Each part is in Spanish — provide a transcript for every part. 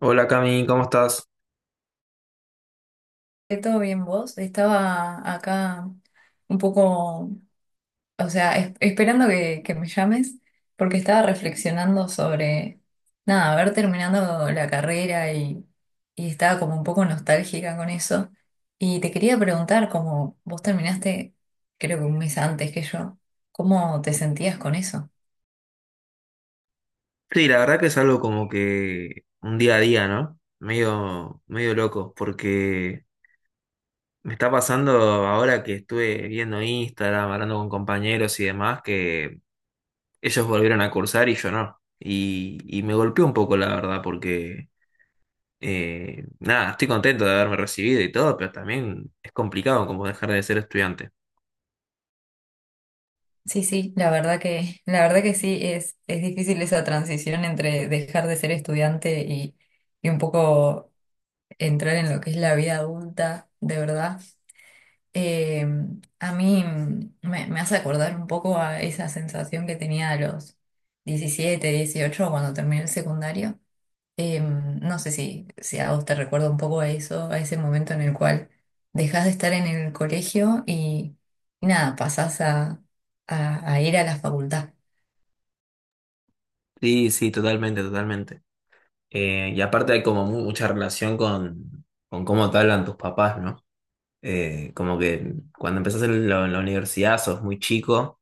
Hola Cami, ¿cómo estás? ¿Todo bien vos? Estaba acá un poco, o sea, esperando que me llames porque estaba reflexionando sobre, nada, haber terminado la carrera y estaba como un poco nostálgica con eso. Y te quería preguntar, como vos terminaste, creo que un mes antes que yo, ¿cómo te sentías con eso? Sí, la verdad que es algo como que un día a día, ¿no? Medio loco, porque me está pasando ahora que estuve viendo Instagram, hablando con compañeros y demás, que ellos volvieron a cursar y yo no. Y me golpeó un poco, la verdad, porque nada, estoy contento de haberme recibido y todo, pero también es complicado como dejar de ser estudiante. Sí, sí, la verdad que sí, es difícil esa transición entre dejar de ser estudiante y un poco entrar en lo que es la vida adulta, de verdad, eh, a mí me hace acordar un poco a esa sensación que tenía a los 17, 18 cuando terminé el secundario. No sé si, si a vos te recuerda un poco a eso, a ese momento en el cual dejás de estar en el colegio y nada, pasás a, a ir a la facultad. Sí, sí, totalmente, totalmente. Y aparte hay como mucha relación con cómo te hablan tus papás, ¿no? Como que cuando empezás en en la universidad sos muy chico,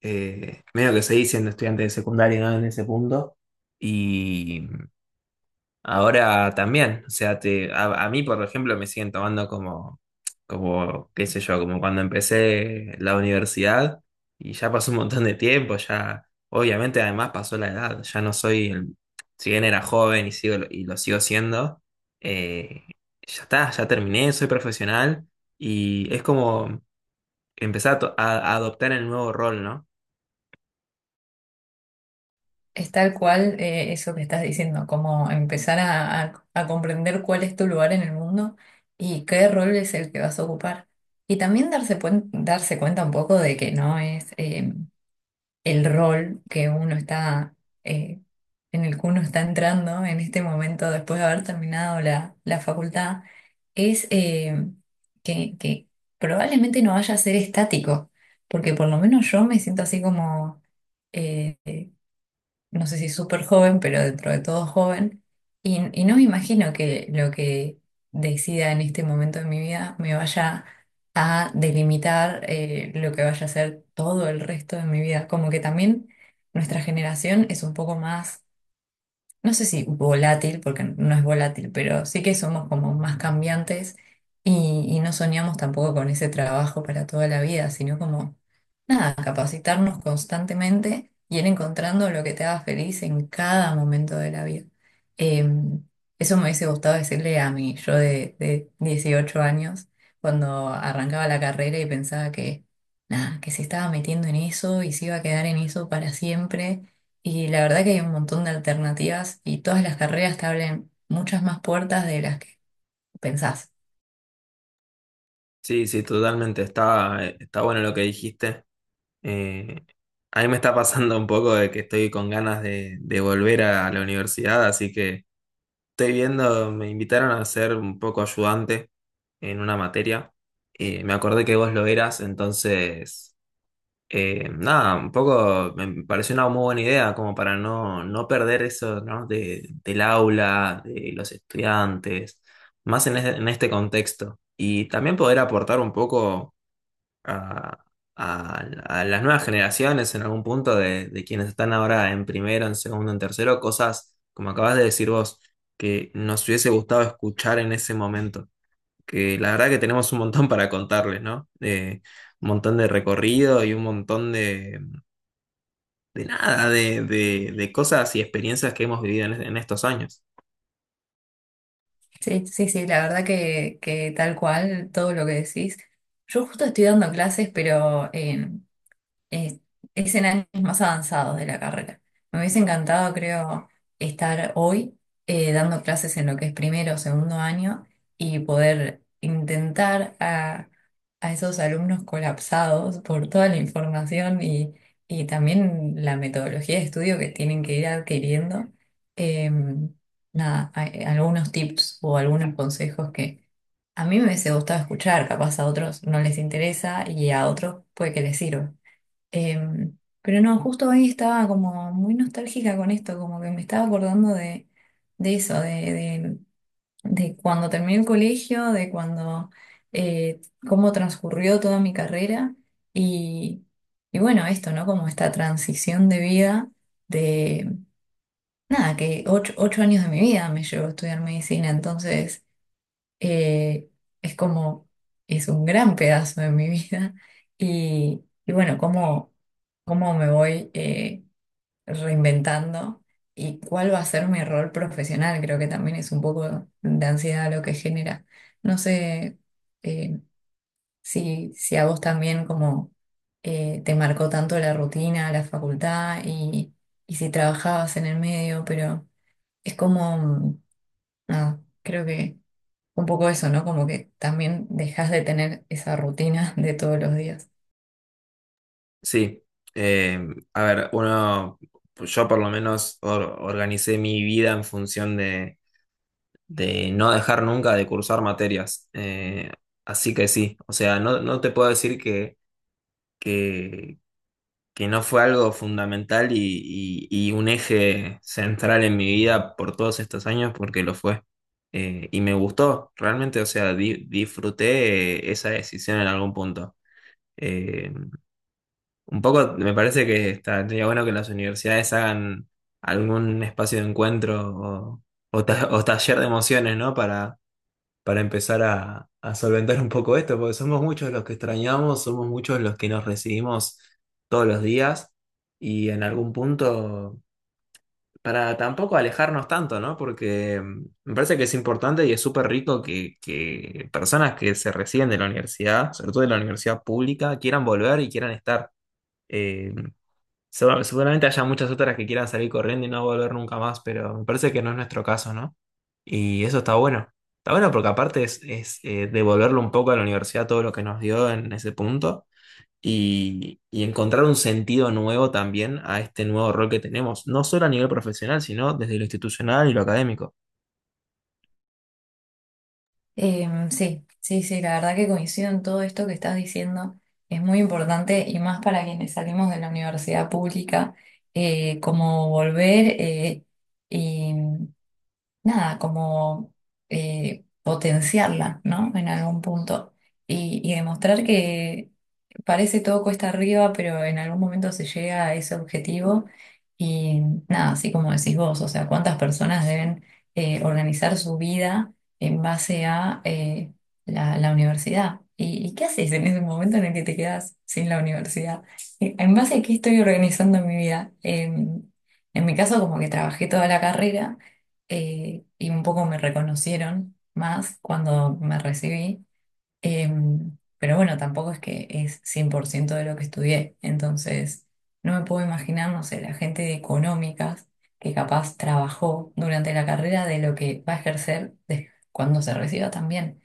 medio que seguís siendo estudiante de secundaria, ¿no? En ese punto. y Ahora también, o sea, a mí, por ejemplo, me siguen tomando como qué sé yo, como cuando empecé la universidad y ya pasó un montón de tiempo, ya, obviamente además pasó la edad, ya no soy, si bien era joven y lo sigo siendo, eh, ya está, ya terminé, soy profesional y es como empezar a adoptar el nuevo rol, ¿no? Es tal cual eso que estás diciendo, como empezar a, a comprender cuál es tu lugar en el mundo y qué rol es el que vas a ocupar. Y también darse, darse cuenta un poco de que no es el rol que uno está, eh, en el que uno está entrando en este momento después de haber terminado la, la facultad, es que probablemente no vaya a ser estático, porque por lo menos yo me siento así como... eh, no sé si súper joven, pero dentro de todo joven, y no me imagino que lo que decida en este momento de mi vida me vaya a delimitar lo que vaya a ser todo el resto de mi vida. Como que también nuestra generación es un poco más no sé si volátil, porque no es volátil, pero sí que somos como más cambiantes y no soñamos tampoco con ese trabajo para toda la vida, sino como, nada, capacitarnos constantemente y ir encontrando lo que te haga feliz en cada momento de la vida. Eh, Eso me hubiese gustado decirle a mí, yo de 18 años, cuando arrancaba la carrera y pensaba que, nada, que se estaba metiendo en eso y se iba a quedar en eso para siempre y la verdad que hay un montón de alternativas y todas las carreras te abren muchas más puertas de las que pensás. Sí, sí, totalmente, está, está bueno lo que dijiste. Eh, a mí me está pasando un poco de que estoy con ganas de volver a la universidad, así que estoy viendo, me invitaron a ser un poco ayudante en una materia. Me acordé que vos lo eras, entonces, nada, un poco me pareció una muy buena idea como para no, no perder eso, ¿no? Del aula, de los estudiantes, más en este contexto. Y también poder aportar un poco a, a- a las nuevas generaciones en algún punto de quienes están ahora en primero, en segundo, en tercero, cosas, como acabas de decir vos, que nos hubiese gustado escuchar en ese momento. Que la verdad que tenemos un montón para contarles, ¿no? Un montón de recorrido y un montón de nada, de, de cosas y experiencias que hemos vivido en estos años. Sí, sí, sí, la verdad que tal cual, todo lo que decís. Yo justo estoy dando clases, pero eh, es en años más avanzados de la carrera. Me hubiese encantado, creo, estar hoy dando clases en lo que es primero o segundo año y poder intentar a esos alumnos colapsados por toda la información y también la metodología de estudio que tienen que ir adquiriendo. em, Nada, algunos tips o algunos consejos que... A mí me hubiese gustado escuchar, capaz a otros no les interesa y a otros puede que les sirva. Pero no, justo hoy estaba como muy nostálgica con esto, como que me estaba acordando de eso, de, de cuando terminé el colegio, de cuando, eh, cómo transcurrió toda mi carrera y, y bueno, esto, ¿no? Como esta transición de vida de, nada, que ocho años de mi vida me llevó a estudiar medicina, entonces eh, es como, es un gran pedazo de mi vida. Y bueno, cómo, cómo me voy reinventando y cuál va a ser mi rol profesional, creo que también es un poco de ansiedad lo que genera. No sé eh, si, si a vos también como te marcó tanto la rutina, la facultad y si trabajabas en el medio, pero es como, nada, creo que un poco eso, ¿no? Como que también dejas de tener esa rutina de todos los días. Sí, eh, a ver, uno, yo por lo menos organicé mi vida en función de no dejar nunca de cursar materias. Así que sí, o sea, no, no te puedo decir que, que no fue algo fundamental y un eje central en mi vida por todos estos años, porque lo fue. Y me gustó, realmente, o sea, disfruté esa decisión en algún punto. Eh, un poco me parece que estaría bueno que las universidades hagan algún espacio de encuentro o, o taller de emociones, ¿no? Para empezar a solventar un poco esto, porque somos muchos los que extrañamos, somos muchos los que nos recibimos todos los días y en algún punto, para tampoco alejarnos tanto, ¿no? Porque me parece que es importante y es súper rico que personas que se reciben de la universidad, sobre todo de la universidad pública, quieran volver y quieran estar. Eh, Seguramente haya muchas otras que quieran salir corriendo y no volver nunca más, pero me parece que no es nuestro caso, ¿no? Y eso está bueno. Está bueno porque aparte es, es, devolverle un poco a la universidad todo lo que nos dio en ese punto y encontrar un sentido nuevo también a este nuevo rol que tenemos, no solo a nivel profesional, sino desde lo institucional y lo académico. Sí, sí, sí, la verdad que coincido en todo esto que estás diciendo. Es muy importante y más para quienes salimos de la universidad pública, como volver y nada, como potenciarla, ¿no? En algún punto. Y demostrar que parece todo cuesta arriba, pero en algún momento se llega a ese objetivo. Y nada, así como decís vos, o sea, cuántas personas deben organizar su vida en base a la, la universidad. Y qué haces en ese momento en el que te quedas sin la universidad? En base a qué estoy organizando mi vida? En mi caso, como que trabajé toda la carrera y un poco me reconocieron más cuando me recibí. Pero bueno, tampoco es que es 100% de lo que estudié. Entonces, no me puedo imaginar, no sé, la gente de económicas que capaz trabajó durante la carrera de lo que va a ejercer cuando se reciba también.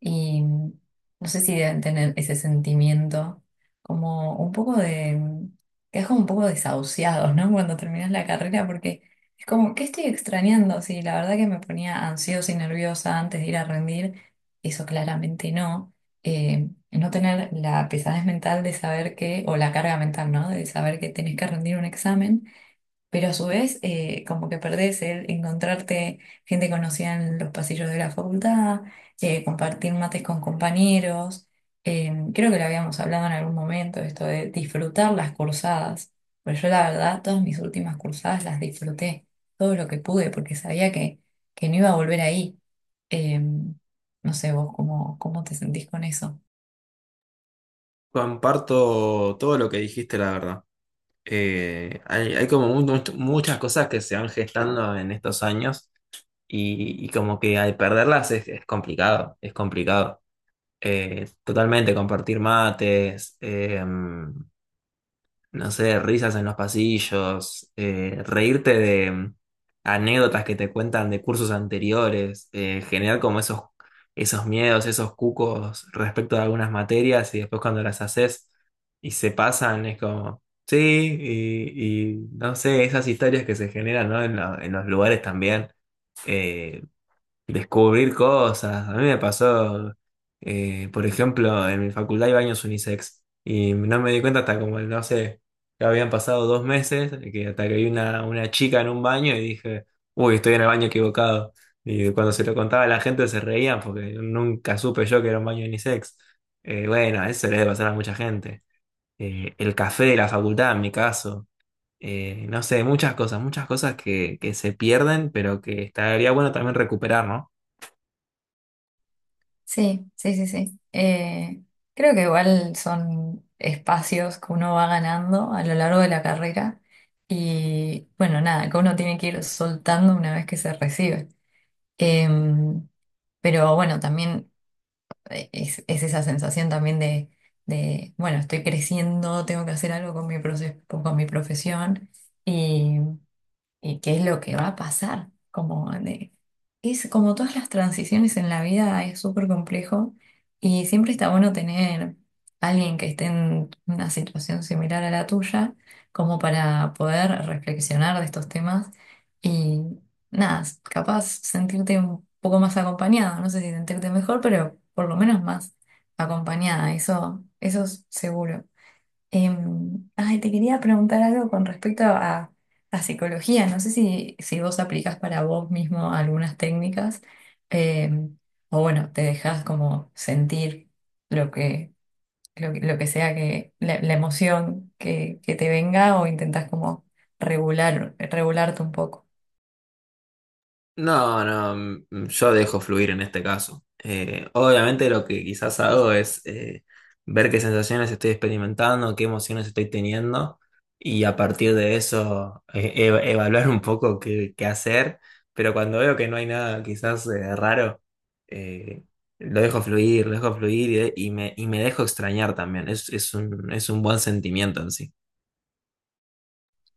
Y no sé si deben tener ese sentimiento como un poco de... que es como un poco desahuciados, ¿no? Cuando terminas la carrera, porque es como, ¿qué estoy extrañando? Sí, la verdad que me ponía ansiosa y nerviosa antes de ir a rendir eso claramente no. No tener la pesadez mental de saber que, o la carga mental, ¿no? De saber que tenés que rendir un examen pero a su vez como que perdés el encontrarte gente conocida en los pasillos de la facultad, compartir mates con compañeros. Creo que lo habíamos hablado en algún momento, esto de disfrutar las cursadas, pero yo la verdad todas mis últimas cursadas las disfruté todo lo que pude porque sabía que no iba a volver ahí. Eh, no sé vos cómo, cómo te sentís con eso. Comparto todo lo que dijiste, la verdad. Hay como muchas cosas que se van gestando en estos años. Y como que al perderlas es complicado, es complicado. Totalmente, compartir mates, no sé, risas en los pasillos, reírte de anécdotas que te cuentan de cursos anteriores, generar como esos, esos miedos, esos cucos respecto de algunas materias y después cuando las haces y se pasan es como, sí, y no sé, esas historias que se generan, ¿no? En, en los lugares también eh, descubrir cosas. A mí me pasó, por ejemplo, en mi facultad hay baños unisex y no me di cuenta hasta como, no sé, ya habían pasado dos meses, que hasta que vi una chica en un baño y dije, uy, estoy en el baño equivocado. Y cuando se lo contaba a la gente se reían porque nunca supe yo que era un baño unisex. Bueno, eso le debe pasar a mucha gente. El café de la facultad, en mi caso. No sé, muchas cosas que se pierden, pero que estaría bueno también recuperar, ¿no? Sí, sí, sí, sí. Creo que igual son espacios que uno va ganando a lo largo de la carrera y bueno, nada, que uno tiene que ir soltando una vez que se recibe. Em, pero bueno, también es esa sensación también de, bueno, estoy creciendo, tengo que hacer algo con mi con mi profesión y qué es lo que va a pasar. Como, de- es, como todas las transiciones en la vida es súper complejo y siempre está bueno tener alguien que esté en una situación similar a la tuya, como para poder reflexionar de estos temas y nada, capaz sentirte un poco más acompañado, no sé si sentirte mejor, pero por lo menos más acompañada, eso es seguro. Ay, te quería preguntar algo con respecto a psicología. No sé si, si vos aplicás para vos mismo algunas técnicas em, o bueno, te dejás como sentir lo que, lo, que lo que sea que la emoción que te venga o intentás como regularte un poco. No, no, mm, mm, yo dejo fluir en este caso. Obviamente lo que quizás hago es ver qué sensaciones estoy experimentando, qué emociones estoy teniendo y a partir de eso evaluar un poco qué, qué hacer, pero cuando veo que no hay nada quizás raro, eh, lo dejo fluir y me dejo extrañar también. Es, es un buen sentimiento en sí.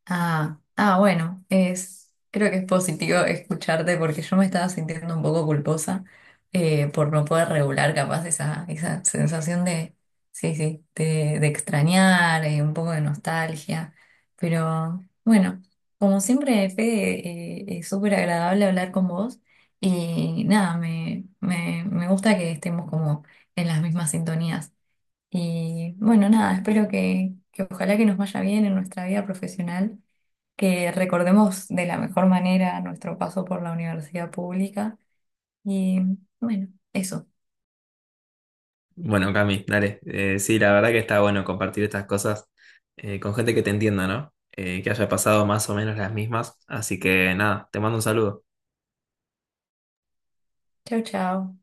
Ah, ah, bueno, es, creo que es positivo escucharte porque yo me estaba sintiendo un poco culposa por no poder regular capaz esa, esa sensación de, sí, sí, de extrañar, un poco de nostalgia. Pero bueno, como siempre, Fede, es súper agradable hablar con vos y nada, me gusta que estemos como en las mismas sintonías. Y bueno, nada, espero que ojalá que nos vaya bien en nuestra vida profesional que recordemos de la mejor manera nuestro paso por la universidad pública. Y bueno, eso. Bueno, Cami, dale. Sí, la verdad que está bueno compartir estas cosas con gente que te entienda, ¿no? Que haya pasado más o menos las mismas. Así que nada, te mando un saludo. Chao, chao.